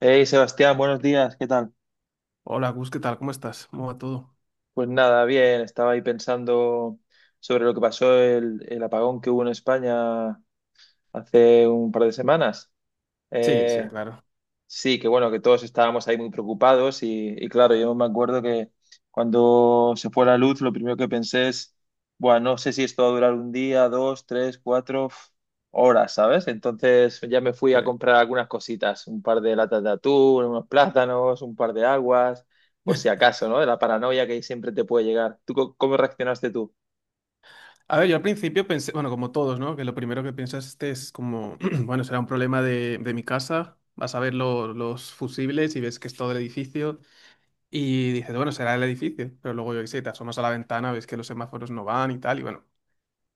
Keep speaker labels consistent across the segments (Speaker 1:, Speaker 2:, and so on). Speaker 1: Hey Sebastián, buenos días, ¿qué tal?
Speaker 2: Hola, Gus, ¿qué tal? ¿Cómo estás? ¿Cómo va todo?
Speaker 1: Pues nada, bien, estaba ahí pensando sobre lo que pasó el apagón que hubo en España hace un par de semanas.
Speaker 2: Sí, sí,
Speaker 1: Eh,
Speaker 2: claro.
Speaker 1: Sí, que bueno, que todos estábamos ahí muy preocupados y claro, yo me acuerdo que cuando se fue la luz, lo primero que pensé es, bueno, no sé si esto va a durar un día, dos, tres, cuatro horas, ¿sabes? Entonces ya me fui a
Speaker 2: Sí.
Speaker 1: comprar algunas cositas, un par de latas de atún, unos plátanos, un par de aguas, por si acaso, ¿no? De la paranoia que siempre te puede llegar. ¿Tú cómo reaccionaste tú?
Speaker 2: A ver, yo al principio pensé, bueno, como todos, ¿no? Que lo primero que piensas este es como, bueno, será un problema de mi casa. Vas a ver los fusibles y ves que es todo el edificio y dices, bueno, será el edificio. Pero luego yo qué sé, te asomas a la ventana, ves que los semáforos no van y tal. Y bueno,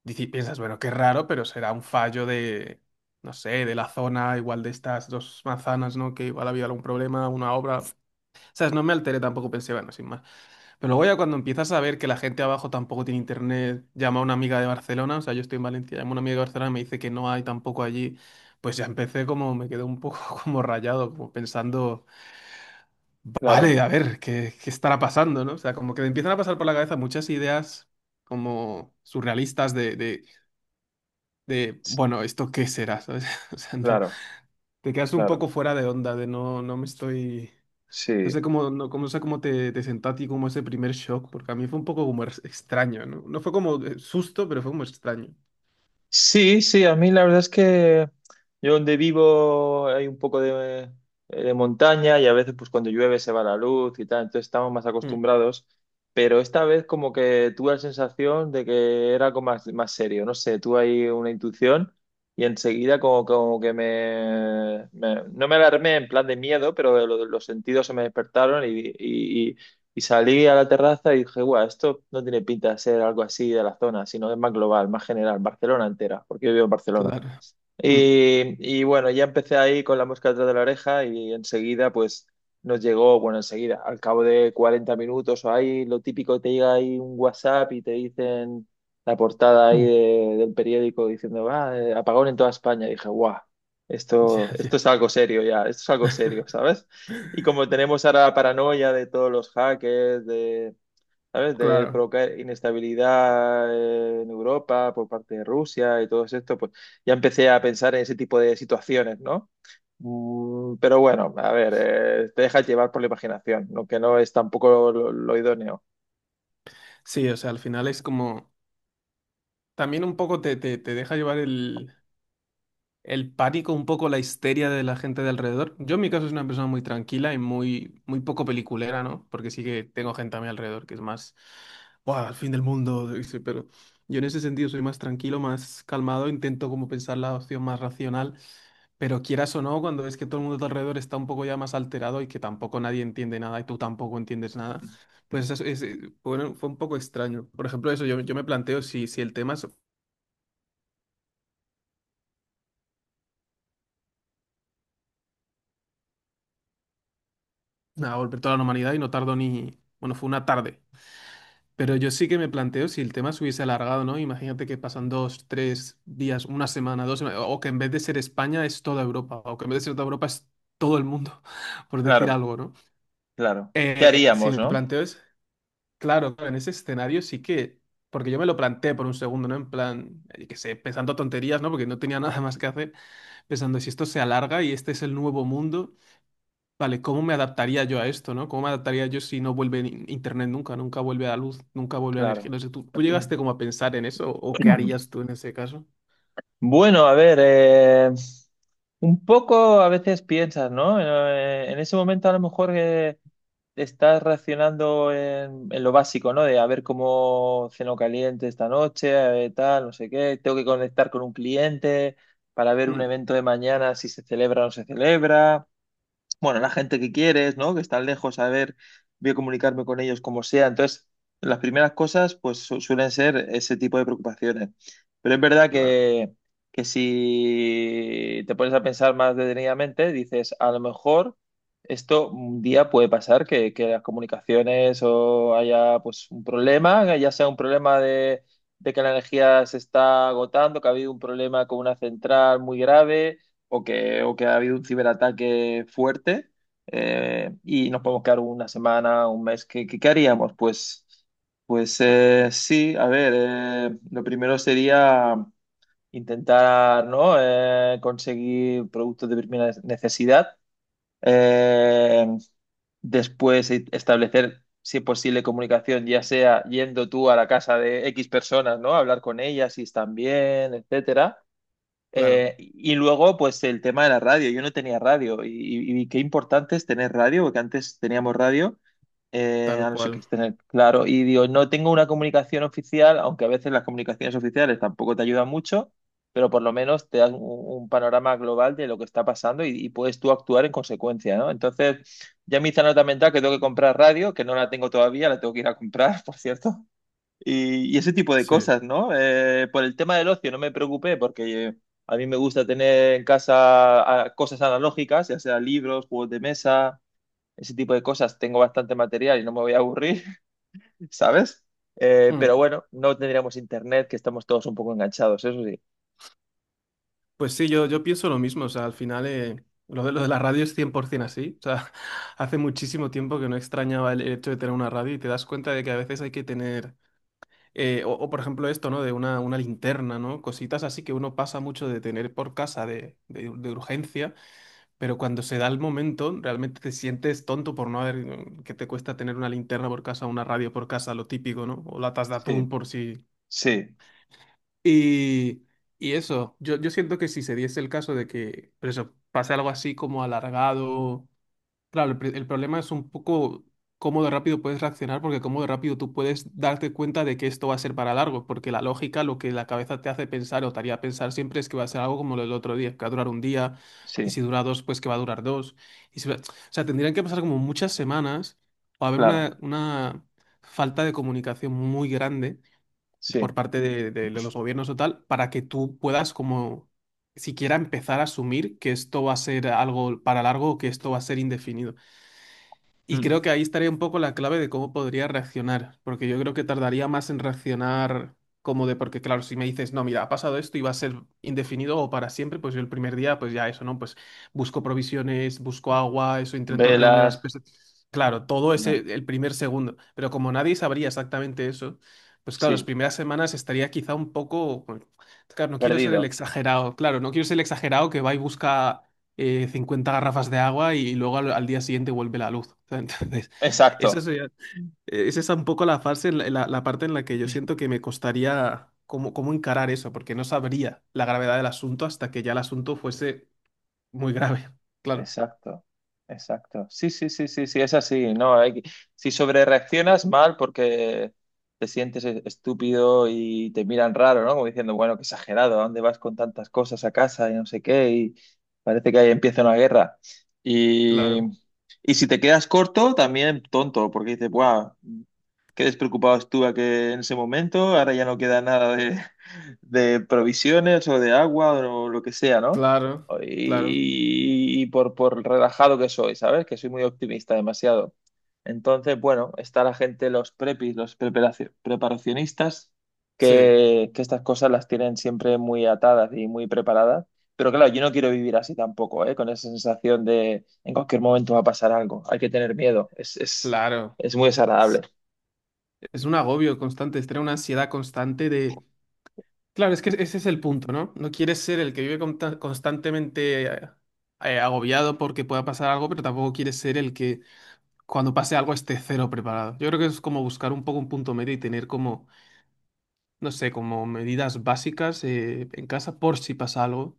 Speaker 2: piensas, bueno, qué raro, pero será un fallo de, no sé, de la zona, igual de estas dos manzanas, ¿no? Que igual había algún problema, una obra. O sea, no me alteré tampoco, pensé, bueno, sin más. Pero luego ya cuando empiezas a ver que la gente abajo tampoco tiene internet, llama a una amiga de Barcelona, o sea, yo estoy en Valencia, llama a una amiga de Barcelona y me dice que no hay tampoco allí, pues ya empecé como, me quedé un poco como rayado, como pensando,
Speaker 1: Claro,
Speaker 2: vale, a ver, ¿qué, qué estará pasando, ¿no? O sea, como que me empiezan a pasar por la cabeza muchas ideas como surrealistas de bueno, ¿esto qué será? ¿Sabes? O sea, no,
Speaker 1: claro,
Speaker 2: te quedas un
Speaker 1: claro.
Speaker 2: poco fuera de onda, de no, no me estoy... No sé
Speaker 1: Sí.
Speaker 2: cómo, no, no sé cómo te, te sentaste y cómo ese primer shock, porque a mí fue un poco como extraño, ¿no? No fue como susto, pero fue como extraño.
Speaker 1: Sí, sí, a mí la verdad es que yo donde vivo hay un poco de montaña y a veces pues cuando llueve se va la luz y tal, entonces estamos más
Speaker 2: Mm,
Speaker 1: acostumbrados, pero esta vez como que tuve la sensación de que era algo más, más serio, no sé, tuve ahí una intuición y enseguida como, como que no me alarmé en plan de miedo, pero los sentidos se me despertaron y salí a la terraza y dije, guau, esto no tiene pinta de ser algo así de la zona, sino es más global, más general, Barcelona entera, porque yo vivo en Barcelona.
Speaker 2: claro. Mm,
Speaker 1: Y bueno, ya empecé ahí con la mosca detrás de la oreja y enseguida pues nos llegó, bueno, enseguida, al cabo de 40 minutos o ahí, lo típico, te llega ahí un WhatsApp y te dicen la portada ahí
Speaker 2: mm.
Speaker 1: del periódico diciendo, ah, apagón en toda España. Y dije, guau,
Speaker 2: Ya,
Speaker 1: esto
Speaker 2: ya.
Speaker 1: es algo serio ya, esto es algo serio, ¿sabes? Y como tenemos ahora la paranoia de todos los hackers, ¿sabes? De
Speaker 2: Claro.
Speaker 1: provocar inestabilidad en Europa por parte de Rusia y todo esto, pues ya empecé a pensar en ese tipo de situaciones, ¿no? Mm, pero bueno, a ver, te dejas llevar por la imaginación, lo que no es tampoco lo idóneo.
Speaker 2: Sí, o sea, al final es como... También un poco te deja llevar el pánico, un poco la histeria de la gente de alrededor. Yo en mi caso soy una persona muy tranquila y muy, muy poco peliculera, ¿no? Porque sí que tengo gente a mi alrededor que es más, ¡buah, el fin del mundo! dice, pero yo en ese sentido soy más tranquilo, más calmado, intento como pensar la opción más racional, pero quieras o no, cuando ves que todo el mundo a tu alrededor está un poco ya más alterado y que tampoco nadie entiende nada y tú tampoco entiendes nada, pues eso es, bueno, fue un poco extraño. Por ejemplo, eso, yo me planteo si, si el tema es a volver toda la humanidad y no tardo ni... Bueno, fue una tarde. Pero yo sí que me planteo si el tema se hubiese alargado, ¿no? Imagínate que pasan dos, tres días, una semana, dos semanas, o que en vez de ser España es toda Europa, o que en vez de ser toda Europa es todo el mundo, por decir
Speaker 1: Claro,
Speaker 2: algo, ¿no?
Speaker 1: claro. ¿Qué
Speaker 2: Si
Speaker 1: haríamos,
Speaker 2: me
Speaker 1: no?
Speaker 2: planteo es, claro, claro, en ese escenario sí que, porque yo me lo planteé por un segundo, ¿no? En plan, que sé, pensando tonterías, ¿no? Porque no tenía nada más que hacer, pensando si esto se alarga y este es el nuevo mundo. Vale, ¿cómo me adaptaría yo a esto, no? ¿Cómo me adaptaría yo si no vuelve internet nunca, nunca vuelve a luz, nunca vuelve a energía?
Speaker 1: Claro.
Speaker 2: No sé, tú llegaste como a pensar en eso o qué harías tú en ese caso?
Speaker 1: Bueno, a ver, un poco a veces piensas, ¿no? En ese momento a lo mejor estás reaccionando en lo básico, ¿no? De a ver cómo ceno caliente esta noche, a ver tal, no sé qué. Tengo que conectar con un cliente para ver un
Speaker 2: Mm,
Speaker 1: evento de mañana, si se celebra o no se celebra bueno, la gente que quieres, ¿no? Que están lejos, a ver, voy a comunicarme con ellos como sea. Entonces, las primeras cosas, pues suelen ser ese tipo de preocupaciones. Pero es verdad
Speaker 2: claro,
Speaker 1: que si te pones a pensar más detenidamente, dices, a lo mejor esto un día puede pasar, que las comunicaciones o haya pues un problema, que ya sea un problema de que la energía se está agotando, que ha habido un problema con una central muy grave o que ha habido un ciberataque fuerte y nos podemos quedar una semana, un mes. ¿Qué, qué, qué haríamos? Pues, pues sí, a ver, lo primero sería intentar, ¿no? Conseguir productos de primera necesidad. Eh, después establecer, si es posible, comunicación, ya sea yendo tú a la casa de X personas, ¿no? Hablar con ellas si están bien, etcétera.
Speaker 2: claro,
Speaker 1: Y luego, pues el tema de la radio. Yo no tenía radio y qué importante es tener radio, porque antes teníamos radio, a
Speaker 2: tal
Speaker 1: no ser que
Speaker 2: cual,
Speaker 1: tener claro. Y digo, no tengo una comunicación oficial, aunque a veces las comunicaciones oficiales tampoco te ayudan mucho, pero por lo menos te dan un panorama global de lo que está pasando y puedes tú actuar en consecuencia, ¿no? Entonces, ya me hice nota mental que tengo que comprar radio, que no la tengo todavía, la tengo que ir a comprar, por cierto. Y ese tipo de
Speaker 2: sí.
Speaker 1: cosas, ¿no? Por el tema del ocio no me preocupé porque a mí me gusta tener en casa cosas analógicas, ya sea libros, juegos de mesa, ese tipo de cosas. Tengo bastante material y no me voy a aburrir, ¿sabes?
Speaker 2: Mm,
Speaker 1: Pero bueno, no tendríamos internet, que estamos todos un poco enganchados, eso sí.
Speaker 2: pues sí, yo pienso lo mismo, o sea, al final lo de la radio es 100% así, o sea, hace muchísimo tiempo que no extrañaba el hecho de tener una radio y te das cuenta de que a veces hay que tener... o por ejemplo esto, ¿no? De una linterna, ¿no? Cositas así que uno pasa mucho de tener por casa de urgencia. Pero cuando se da el momento, realmente te sientes tonto por no haber, mm, que te cuesta tener una linterna por casa, una radio por casa, lo típico, ¿no? O latas de
Speaker 1: Sí,
Speaker 2: atún por si.
Speaker 1: sí,
Speaker 2: Y, y eso, yo siento que si se diese el caso de que, por eso, pase algo así como alargado. Claro, el problema es un poco cómo de rápido puedes reaccionar, porque cómo de rápido tú puedes darte cuenta de que esto va a ser para largo, porque la lógica, lo que la cabeza te hace pensar o te haría pensar siempre es que va a ser algo como lo del otro día, que va a durar un día, y
Speaker 1: sí,
Speaker 2: si dura dos, pues que va a durar dos. Y si va- O sea, tendrían que pasar como muchas semanas o haber
Speaker 1: claro,
Speaker 2: una falta de comunicación muy grande
Speaker 1: sí.
Speaker 2: por parte de, de los gobiernos o tal, para que tú puedas como siquiera empezar a asumir que esto va a ser algo para largo o que esto va a ser indefinido. Y
Speaker 1: Mm.
Speaker 2: creo que ahí estaría un poco la clave de cómo podría reaccionar, porque yo creo que tardaría más en reaccionar como de, porque claro, si me dices, no, mira, ha pasado esto y va a ser indefinido o para siempre, pues yo el primer día, pues ya eso, ¿no? Pues busco provisiones, busco agua, eso, intento reunir a
Speaker 1: Velas,
Speaker 2: las personas. Claro, todo ese,
Speaker 1: no,
Speaker 2: el primer segundo, pero como nadie sabría exactamente eso, pues claro, las
Speaker 1: sí,
Speaker 2: primeras semanas estaría quizá un poco, bueno, claro, no quiero ser el
Speaker 1: perdido.
Speaker 2: exagerado, claro, no quiero ser el exagerado que va y busca 50 garrafas de agua y luego al día siguiente vuelve la luz. Entonces,
Speaker 1: Exacto.
Speaker 2: esa es esa un poco la fase, en la parte en la que yo siento que me costaría cómo, cómo encarar eso, porque no sabría la gravedad del asunto hasta que ya el asunto fuese muy grave. Claro,
Speaker 1: Exacto, exacto. Sí, sí, sí, sí, sí, es así, ¿no? Si sobrereaccionas mal porque te sientes estúpido y te miran raro, ¿no? Como diciendo, bueno, qué exagerado, ¿a dónde vas con tantas cosas a casa y no sé qué? Y parece que ahí empieza una guerra. Y,
Speaker 2: claro,
Speaker 1: y si te quedas corto, también tonto, porque dices, wow, qué despreocupado estuve que en ese momento, ahora ya no queda nada de, de provisiones o de agua o lo que sea, ¿no?
Speaker 2: claro, claro,
Speaker 1: Y por relajado que soy, ¿sabes? Que soy muy optimista, demasiado. Entonces, bueno, está la gente, los prepis, los preparacionistas,
Speaker 2: sí,
Speaker 1: que estas cosas las tienen siempre muy atadas y muy preparadas. Pero claro, yo no quiero vivir así tampoco, ¿eh? Con esa sensación de en cualquier momento va a pasar algo. Hay que tener miedo.
Speaker 2: claro.
Speaker 1: Es muy desagradable.
Speaker 2: Es es un agobio constante, es tener una ansiedad constante de. Claro, es que ese es el punto, ¿no? No quieres ser el que vive constantemente agobiado porque pueda pasar algo, pero tampoco quieres ser el que cuando pase algo esté cero preparado. Yo creo que es como buscar un poco un punto medio y tener como no sé, como medidas básicas en casa por si pasa algo.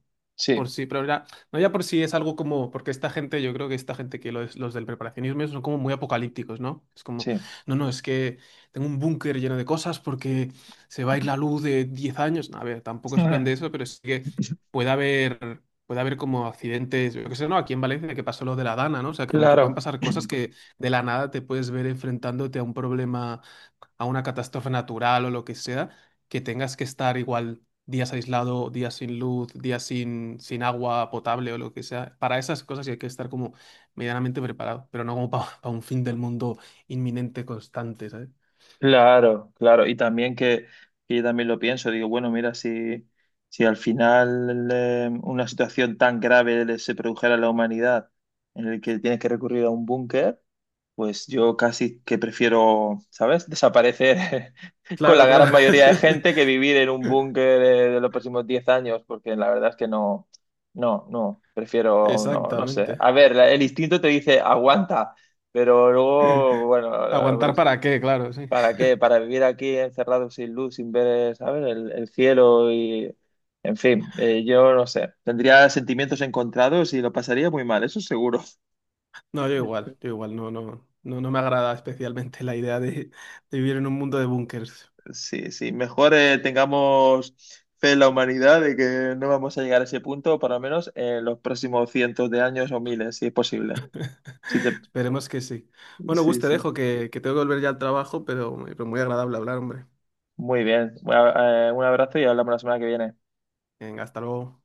Speaker 2: Por
Speaker 1: Sí,
Speaker 2: si, no ya por si es algo como, porque esta gente, yo creo que esta gente que los del preparacionismo son como muy apocalípticos, ¿no? Es como,
Speaker 1: sí.
Speaker 2: no, es que tengo un búnker lleno de cosas porque se va a ir la luz de 10 años. No, a ver, tampoco es plan de eso, pero sí que puede haber como accidentes, yo qué sé, ¿no? Aquí en Valencia que pasó lo de la Dana, ¿no? O sea, como que pueden
Speaker 1: Claro,
Speaker 2: pasar cosas que de la nada te puedes ver enfrentándote a un problema, a una catástrofe natural o lo que sea, que tengas que estar igual días aislado, días sin luz, días sin agua potable o lo que sea. Para esas cosas sí hay que estar como medianamente preparado, pero no como para un fin del mundo inminente, constante, ¿sabes?
Speaker 1: claro, claro. Y también que yo también lo pienso, digo, bueno, mira, si, si al final una situación tan grave se produjera a la humanidad en el que tienes que recurrir a un búnker, pues yo casi que prefiero, ¿sabes? Desaparecer con la
Speaker 2: Claro, claro.
Speaker 1: gran mayoría de gente que vivir en un búnker de los próximos 10 años, porque la verdad es que no, no, no, prefiero, no, no sé. A
Speaker 2: Exactamente.
Speaker 1: ver, el instinto te dice, aguanta, pero luego, bueno, eh,
Speaker 2: ¿Aguantar para qué? Claro, sí.
Speaker 1: ¿para qué? Para vivir aquí encerrado sin luz, sin ver, ¿sabes? El cielo y, en fin, yo no sé. Tendría sentimientos encontrados y lo pasaría muy mal, eso seguro.
Speaker 2: No, yo igual, no, no, no, no me agrada especialmente la idea de vivir en un mundo de búnkers.
Speaker 1: Sí, sí, mejor tengamos fe en la humanidad de que no vamos a llegar a ese punto, por lo menos en los próximos cientos de años o miles, si es posible. Si te-
Speaker 2: Esperemos que sí. Bueno, Gus,
Speaker 1: Sí,
Speaker 2: te
Speaker 1: sí.
Speaker 2: dejo que tengo que volver ya al trabajo, pero muy agradable hablar, hombre.
Speaker 1: Muy bien. Bueno, un abrazo y hablamos la semana que viene.
Speaker 2: Venga, hasta luego.